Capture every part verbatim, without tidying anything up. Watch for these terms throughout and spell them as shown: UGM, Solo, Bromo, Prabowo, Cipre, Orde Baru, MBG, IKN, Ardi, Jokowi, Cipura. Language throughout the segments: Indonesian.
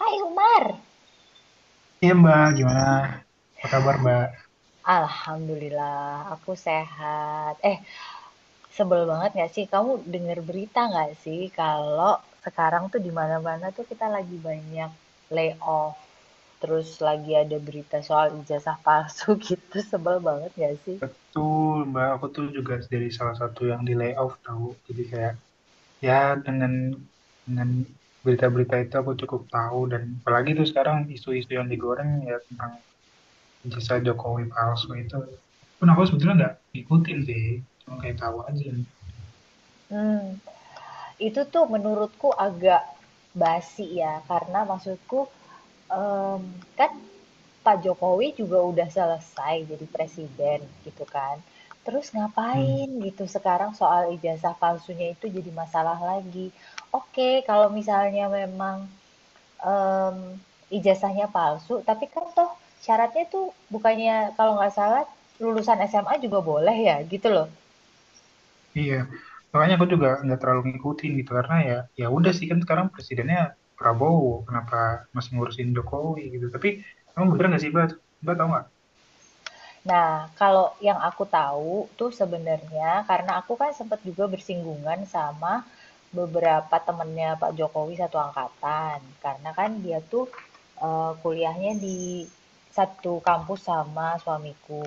Hai Umar. Iya Mbak, gimana? Apa kabar Mbak? Alhamdulillah, aku sehat. Eh, sebel banget gak sih? Kamu denger berita gak sih kalau sekarang tuh di mana-mana tuh kita lagi banyak layoff. Terus lagi ada berita soal ijazah palsu gitu. Sebel banget gak sih? Betul Mbak, aku tuh juga dari salah satu yang di layoff tahu. Jadi kayak ya dengan dengan berita-berita itu aku cukup tahu, dan apalagi tuh sekarang isu-isu yang digoreng ya tentang jasa Jokowi palsu itu. Pun aku sebetulnya nggak ngikutin sih, cuma kayak tahu aja. Hmm, itu tuh menurutku agak basi ya, karena maksudku em, kan Pak Jokowi juga udah selesai jadi presiden gitu kan. Terus ngapain Hmm. gitu sekarang soal ijazah palsunya itu jadi masalah lagi. Oke, kalau misalnya memang em, ijazahnya palsu, tapi kan toh syaratnya tuh bukannya kalau nggak salah lulusan S M A juga boleh ya gitu loh. Iya, makanya aku juga nggak terlalu ngikutin gitu karena ya ya udah sih, kan sekarang presidennya Prabowo, kenapa masih ngurusin Jokowi gitu? Tapi kamu bener nggak sih, Mbak? Mbak tahu nggak? Nah, kalau yang aku tahu tuh sebenarnya karena aku kan sempat juga bersinggungan sama beberapa temennya Pak Jokowi satu angkatan. Karena kan dia tuh eh, kuliahnya di satu kampus sama suamiku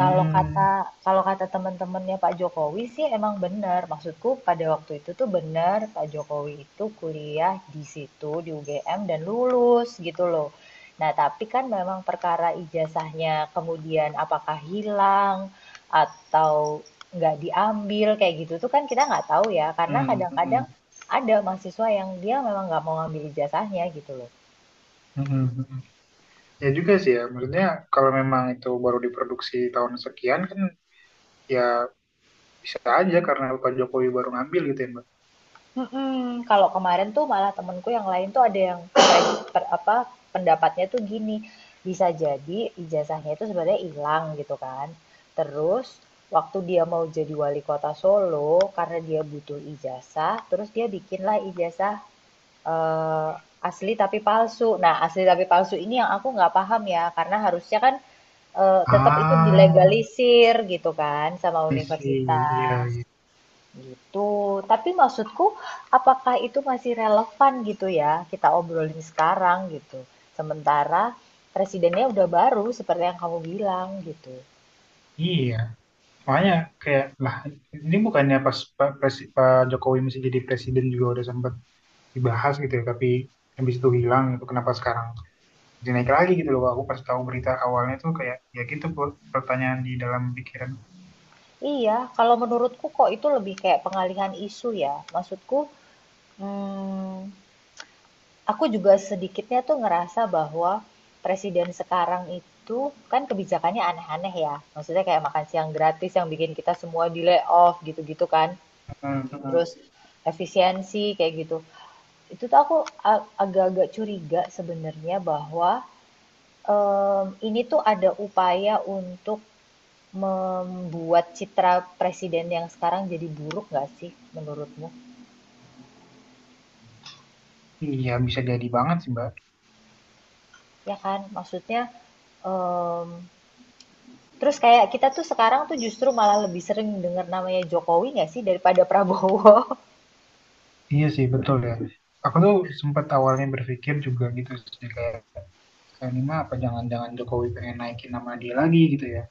kalau kata kalau kata teman-temannya Pak Jokowi sih emang benar. Maksudku pada waktu itu tuh benar Pak Jokowi itu kuliah di situ di U G M dan lulus gitu loh. Nah, tapi kan memang perkara ijazahnya kemudian apakah hilang atau nggak diambil kayak gitu tuh kan kita nggak tahu ya karena hmm, hmm, kadang-kadang hmm, ada mahasiswa yang dia memang nggak mau ngambil ijazahnya gitu loh. hmm, hmm. hmm. Ya juga sih ya, maksudnya kalau memang itu baru diproduksi tahun sekian kan ya bisa aja karena Pak Jokowi baru ngambil gitu ya, Mbak. Mm-mm. Kalau kemarin tuh malah temenku yang lain tuh ada yang per, apa pendapatnya tuh gini, bisa jadi ijazahnya itu sebenarnya hilang gitu kan, terus waktu dia mau jadi wali kota Solo, karena dia butuh ijazah terus dia bikinlah ijazah eh, asli tapi palsu. Nah, asli tapi palsu ini yang aku nggak paham ya, karena harusnya kan eh, tetap itu Ah, dilegalisir gitu kan sama I see. Iya, universitas. iya. Gitu. Tapi maksudku, apakah itu masih relevan gitu ya, kita obrolin sekarang gitu. Sementara presidennya udah baru seperti yang kamu bilang gitu. Iya, makanya kayak lah, ini bukannya pas Pak, Presi- Pak Jokowi masih jadi presiden juga udah sempat dibahas gitu ya, tapi habis itu hilang, itu kenapa sekarang jadi naik lagi gitu loh. Aku pas tahu berita awalnya tuh kayak ya gitu Put, pertanyaan di dalam pikiran. Iya, kalau menurutku kok itu lebih kayak pengalihan isu ya. Maksudku, hmm, aku juga sedikitnya tuh ngerasa bahwa presiden sekarang itu kan kebijakannya aneh-aneh ya. Maksudnya kayak makan siang gratis yang bikin kita semua di layoff gitu-gitu kan. Hmm, hmm. Terus efisiensi kayak gitu. Itu tuh aku agak-agak curiga sebenarnya bahwa em, ini tuh ada upaya untuk membuat citra presiden yang sekarang jadi buruk, nggak sih menurutmu? Iya bisa jadi banget sih Mbak. Ya kan, maksudnya em, terus kayak kita tuh sekarang tuh justru malah lebih sering dengar namanya Jokowi nggak sih daripada Prabowo. Iya sih betul ya. Aku tuh sempat awalnya berpikir juga gitu sih kayak, "Ah, ini mah apa jangan-jangan Jokowi pengen naikin nama dia lagi gitu ya."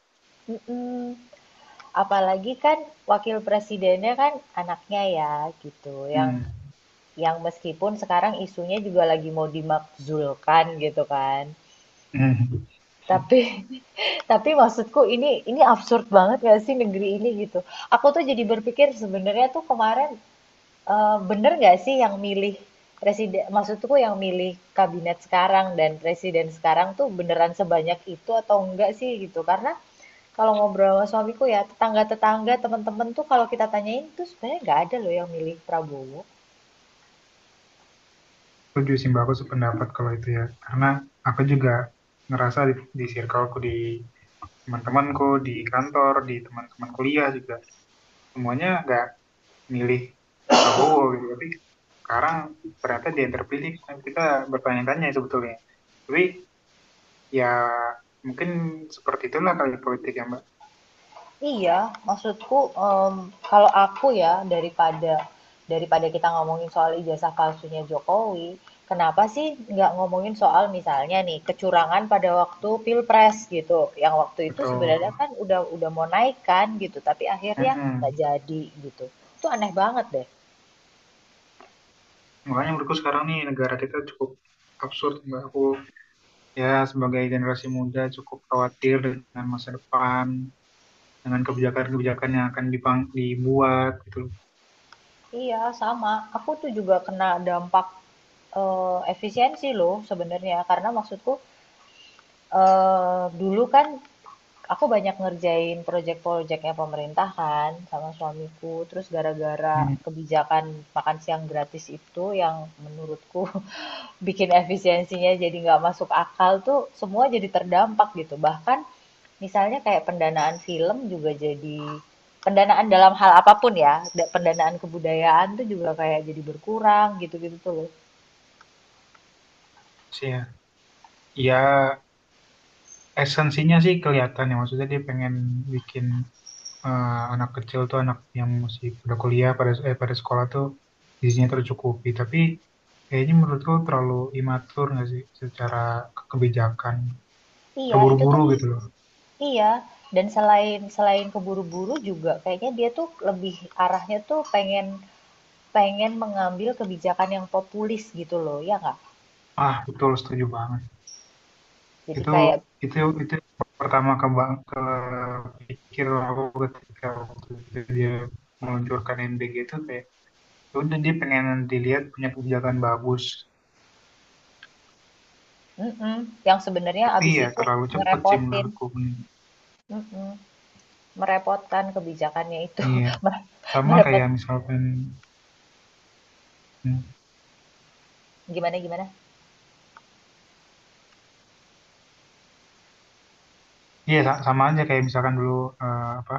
Apalagi kan wakil presidennya kan anaknya ya gitu, yang Hmm. yang meskipun sekarang isunya juga lagi mau dimakzulkan gitu kan. Hmm. Tapi tapi maksudku ini ini absurd banget gak sih negeri ini gitu. Aku tuh jadi berpikir sebenarnya tuh kemarin eh, bener gak sih yang milih presiden, maksudku yang milih kabinet sekarang dan presiden sekarang tuh beneran sebanyak itu atau enggak sih gitu. Karena kalau ngobrol sama suamiku ya tetangga-tetangga teman-teman tuh kalau kita tanyain tuh sebenarnya nggak ada loh yang milih Prabowo. Setuju sih Mbak, aku sependapat kalau itu ya. Karena aku juga ngerasa di, di circleku, di teman-temanku, di kantor, di teman-teman kuliah juga. Semuanya nggak milih Prabowo gitu. Tapi sekarang ternyata dia yang terpilih. Nah, kita bertanya-tanya sebetulnya. Tapi ya mungkin seperti itulah kali politik ya Mbak. Iya, maksudku, mmm, kalau aku ya, daripada daripada kita ngomongin soal ijazah palsunya Jokowi, kenapa sih nggak ngomongin soal misalnya nih kecurangan pada waktu pilpres gitu, yang waktu itu Betul. sebenarnya kan udah udah mau naik kan gitu, tapi akhirnya nggak Mm-mm. jadi gitu. Itu aneh banget deh. Makanya menurutku sekarang nih negara kita cukup absurd Mbak. Aku ya sebagai generasi muda cukup khawatir dengan masa depan, dengan kebijakan-kebijakan yang akan dipang- dibuat gitu loh. Iya sama, aku tuh juga kena dampak, eee, efisiensi loh sebenarnya karena maksudku, eee, dulu kan aku banyak ngerjain proyek-proyeknya pemerintah kan sama suamiku. Terus gara-gara Hmm. kebijakan makan siang gratis itu yang menurutku bikin efisiensinya jadi nggak masuk akal tuh semua jadi terdampak gitu. Bahkan misalnya kayak pendanaan film juga jadi pendanaan dalam hal apapun ya, pendanaan kebudayaan tuh juga kayak jadi berkurang gitu-gitu tuh loh. Sih ya. Ya, esensinya sih kelihatan ya, maksudnya dia pengen bikin eh, anak kecil tuh, anak yang masih pada kuliah, pada eh, pada sekolah tuh gizinya tercukupi, tapi kayaknya menurutku terlalu imatur nggak sih, secara ke- kebijakan Iya, itu terburu-buru tuh gitu loh. iya. Dan selain selain keburu-buru juga kayaknya dia tuh lebih arahnya tuh pengen pengen mengambil kebijakan yang populis gitu loh, ya nggak? Ah, betul setuju banget. Jadi Itu, kayak itu mm itu pertama ke ke pikir aku ketika waktu itu dia meluncurkan M B G itu kayak ya udah, dia pengen dilihat punya kebijakan bagus, yang sebenarnya tapi abis ya itu terlalu cepet sih ngerepotin, menurutku. mm merepotkan kebijakannya itu, Iya sama merepot kayak misalkan, hmm, gimana gimana? iya sa- sama aja kayak misalkan dulu eh, apa,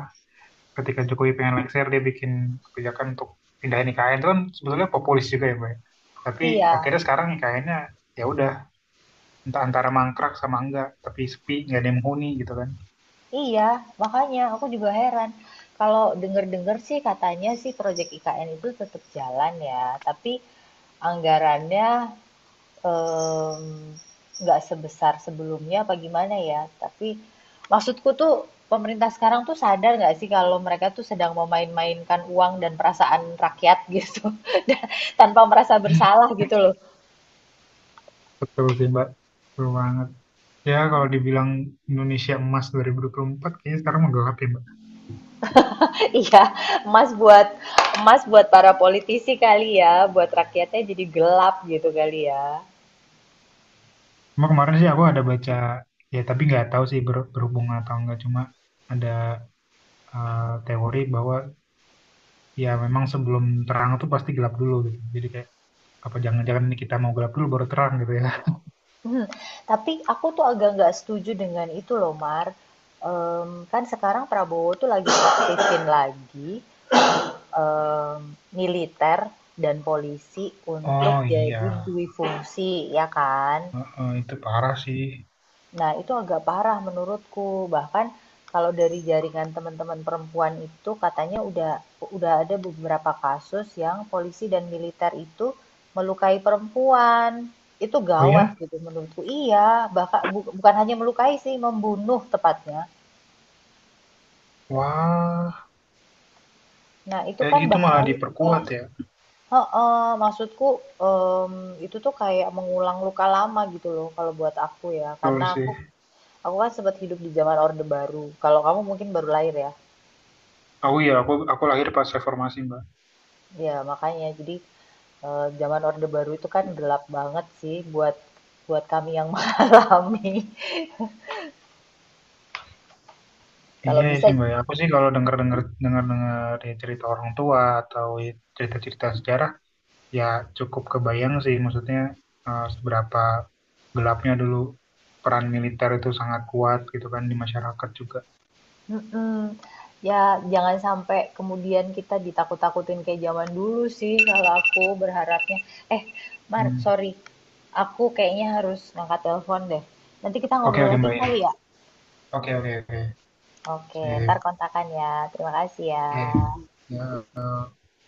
ketika Jokowi pengen lengser dia bikin kebijakan untuk pindahin I K N itu kan sebetulnya populis juga ya Mbak ya. Tapi Iya, akhirnya sekarang I K N-nya ya udah, entah antara mangkrak sama enggak, tapi sepi nggak ada yang menghuni gitu kan. iya, makanya aku juga heran. Kalau denger-denger sih katanya sih proyek I K N itu tetap jalan ya, tapi anggarannya Mmm, nggak um, sebesar sebelumnya apa gimana ya, tapi maksudku tuh pemerintah sekarang tuh sadar nggak sih kalau mereka tuh sedang memain-mainkan uang dan perasaan rakyat gitu, tanpa merasa bersalah gitu loh. Betul sih Mbak, betul banget. Ya kalau dibilang Indonesia Emas dua ribu dua puluh empat kayaknya sekarang menggelap ya Mbak. Iya, emas buat emas buat para politisi kali ya, buat rakyatnya jadi gelap gitu kali ya. Cuma kemarin sih aku ada baca, ya tapi nggak tahu sih ber- berhubungan atau enggak, cuma ada eh, teori bahwa ya memang sebelum terang tuh pasti gelap dulu gitu, jadi kayak apa jangan-jangan ini kita mau gelap dulu baru terang gitu ya. Mhm, tapi aku tuh agak nggak setuju dengan itu loh Mar, mmm, kan sekarang Prabowo tuh lagi aktifin lagi em, militer dan polisi untuk oh iya. jadi dui fungsi ya kan. Heeh, itu parah sih. Nah, itu agak parah menurutku. Bahkan kalau dari jaringan teman-teman perempuan itu katanya udah udah ada beberapa kasus yang polisi dan militer itu melukai perempuan. Itu Oh gawat ya, gitu menurutku. Iya, bahkan bu- bukan hanya melukai sih, membunuh tepatnya. wah. Nah, itu Kayak kan gitu malah bahaya. diperkuat ya. Heeh, maksudku, mmm, itu tuh kayak mengulang luka lama gitu loh kalau buat aku ya, Betul karena sih. aku aku kan sempet hidup di zaman Orde Baru. Kalau kamu mungkin baru lahir ya? Aku ya, aku aku lahir pas reformasi Mbak. Ya makanya. Jadi, eee, zaman Orde Baru itu kan gelap banget sih buat buat kami yang mengalami. Iya Kalau ya bisa sih Mbak. Ya. Aku sih kalau dengar dengar dengar dengar cerita orang tua atau cerita cerita sejarah, ya cukup kebayang sih. Maksudnya eh, seberapa gelapnya dulu, peran militer itu sangat kuat gitu kan di masyarakat juga. mhm, ya jangan sampai kemudian kita ditakut-takutin kayak zaman dulu sih kalau aku berharapnya. Eh, Mar, Hmm. sorry. Aku kayaknya harus ngangkat telepon deh. Nanti kita Oke, ngobrol oke lagi Mbak kali ya. ya? Oke, oke, oke. Oke, Sip. ntar kontakan ya. Terima kasih ya. Iya, iya. Ya, eh,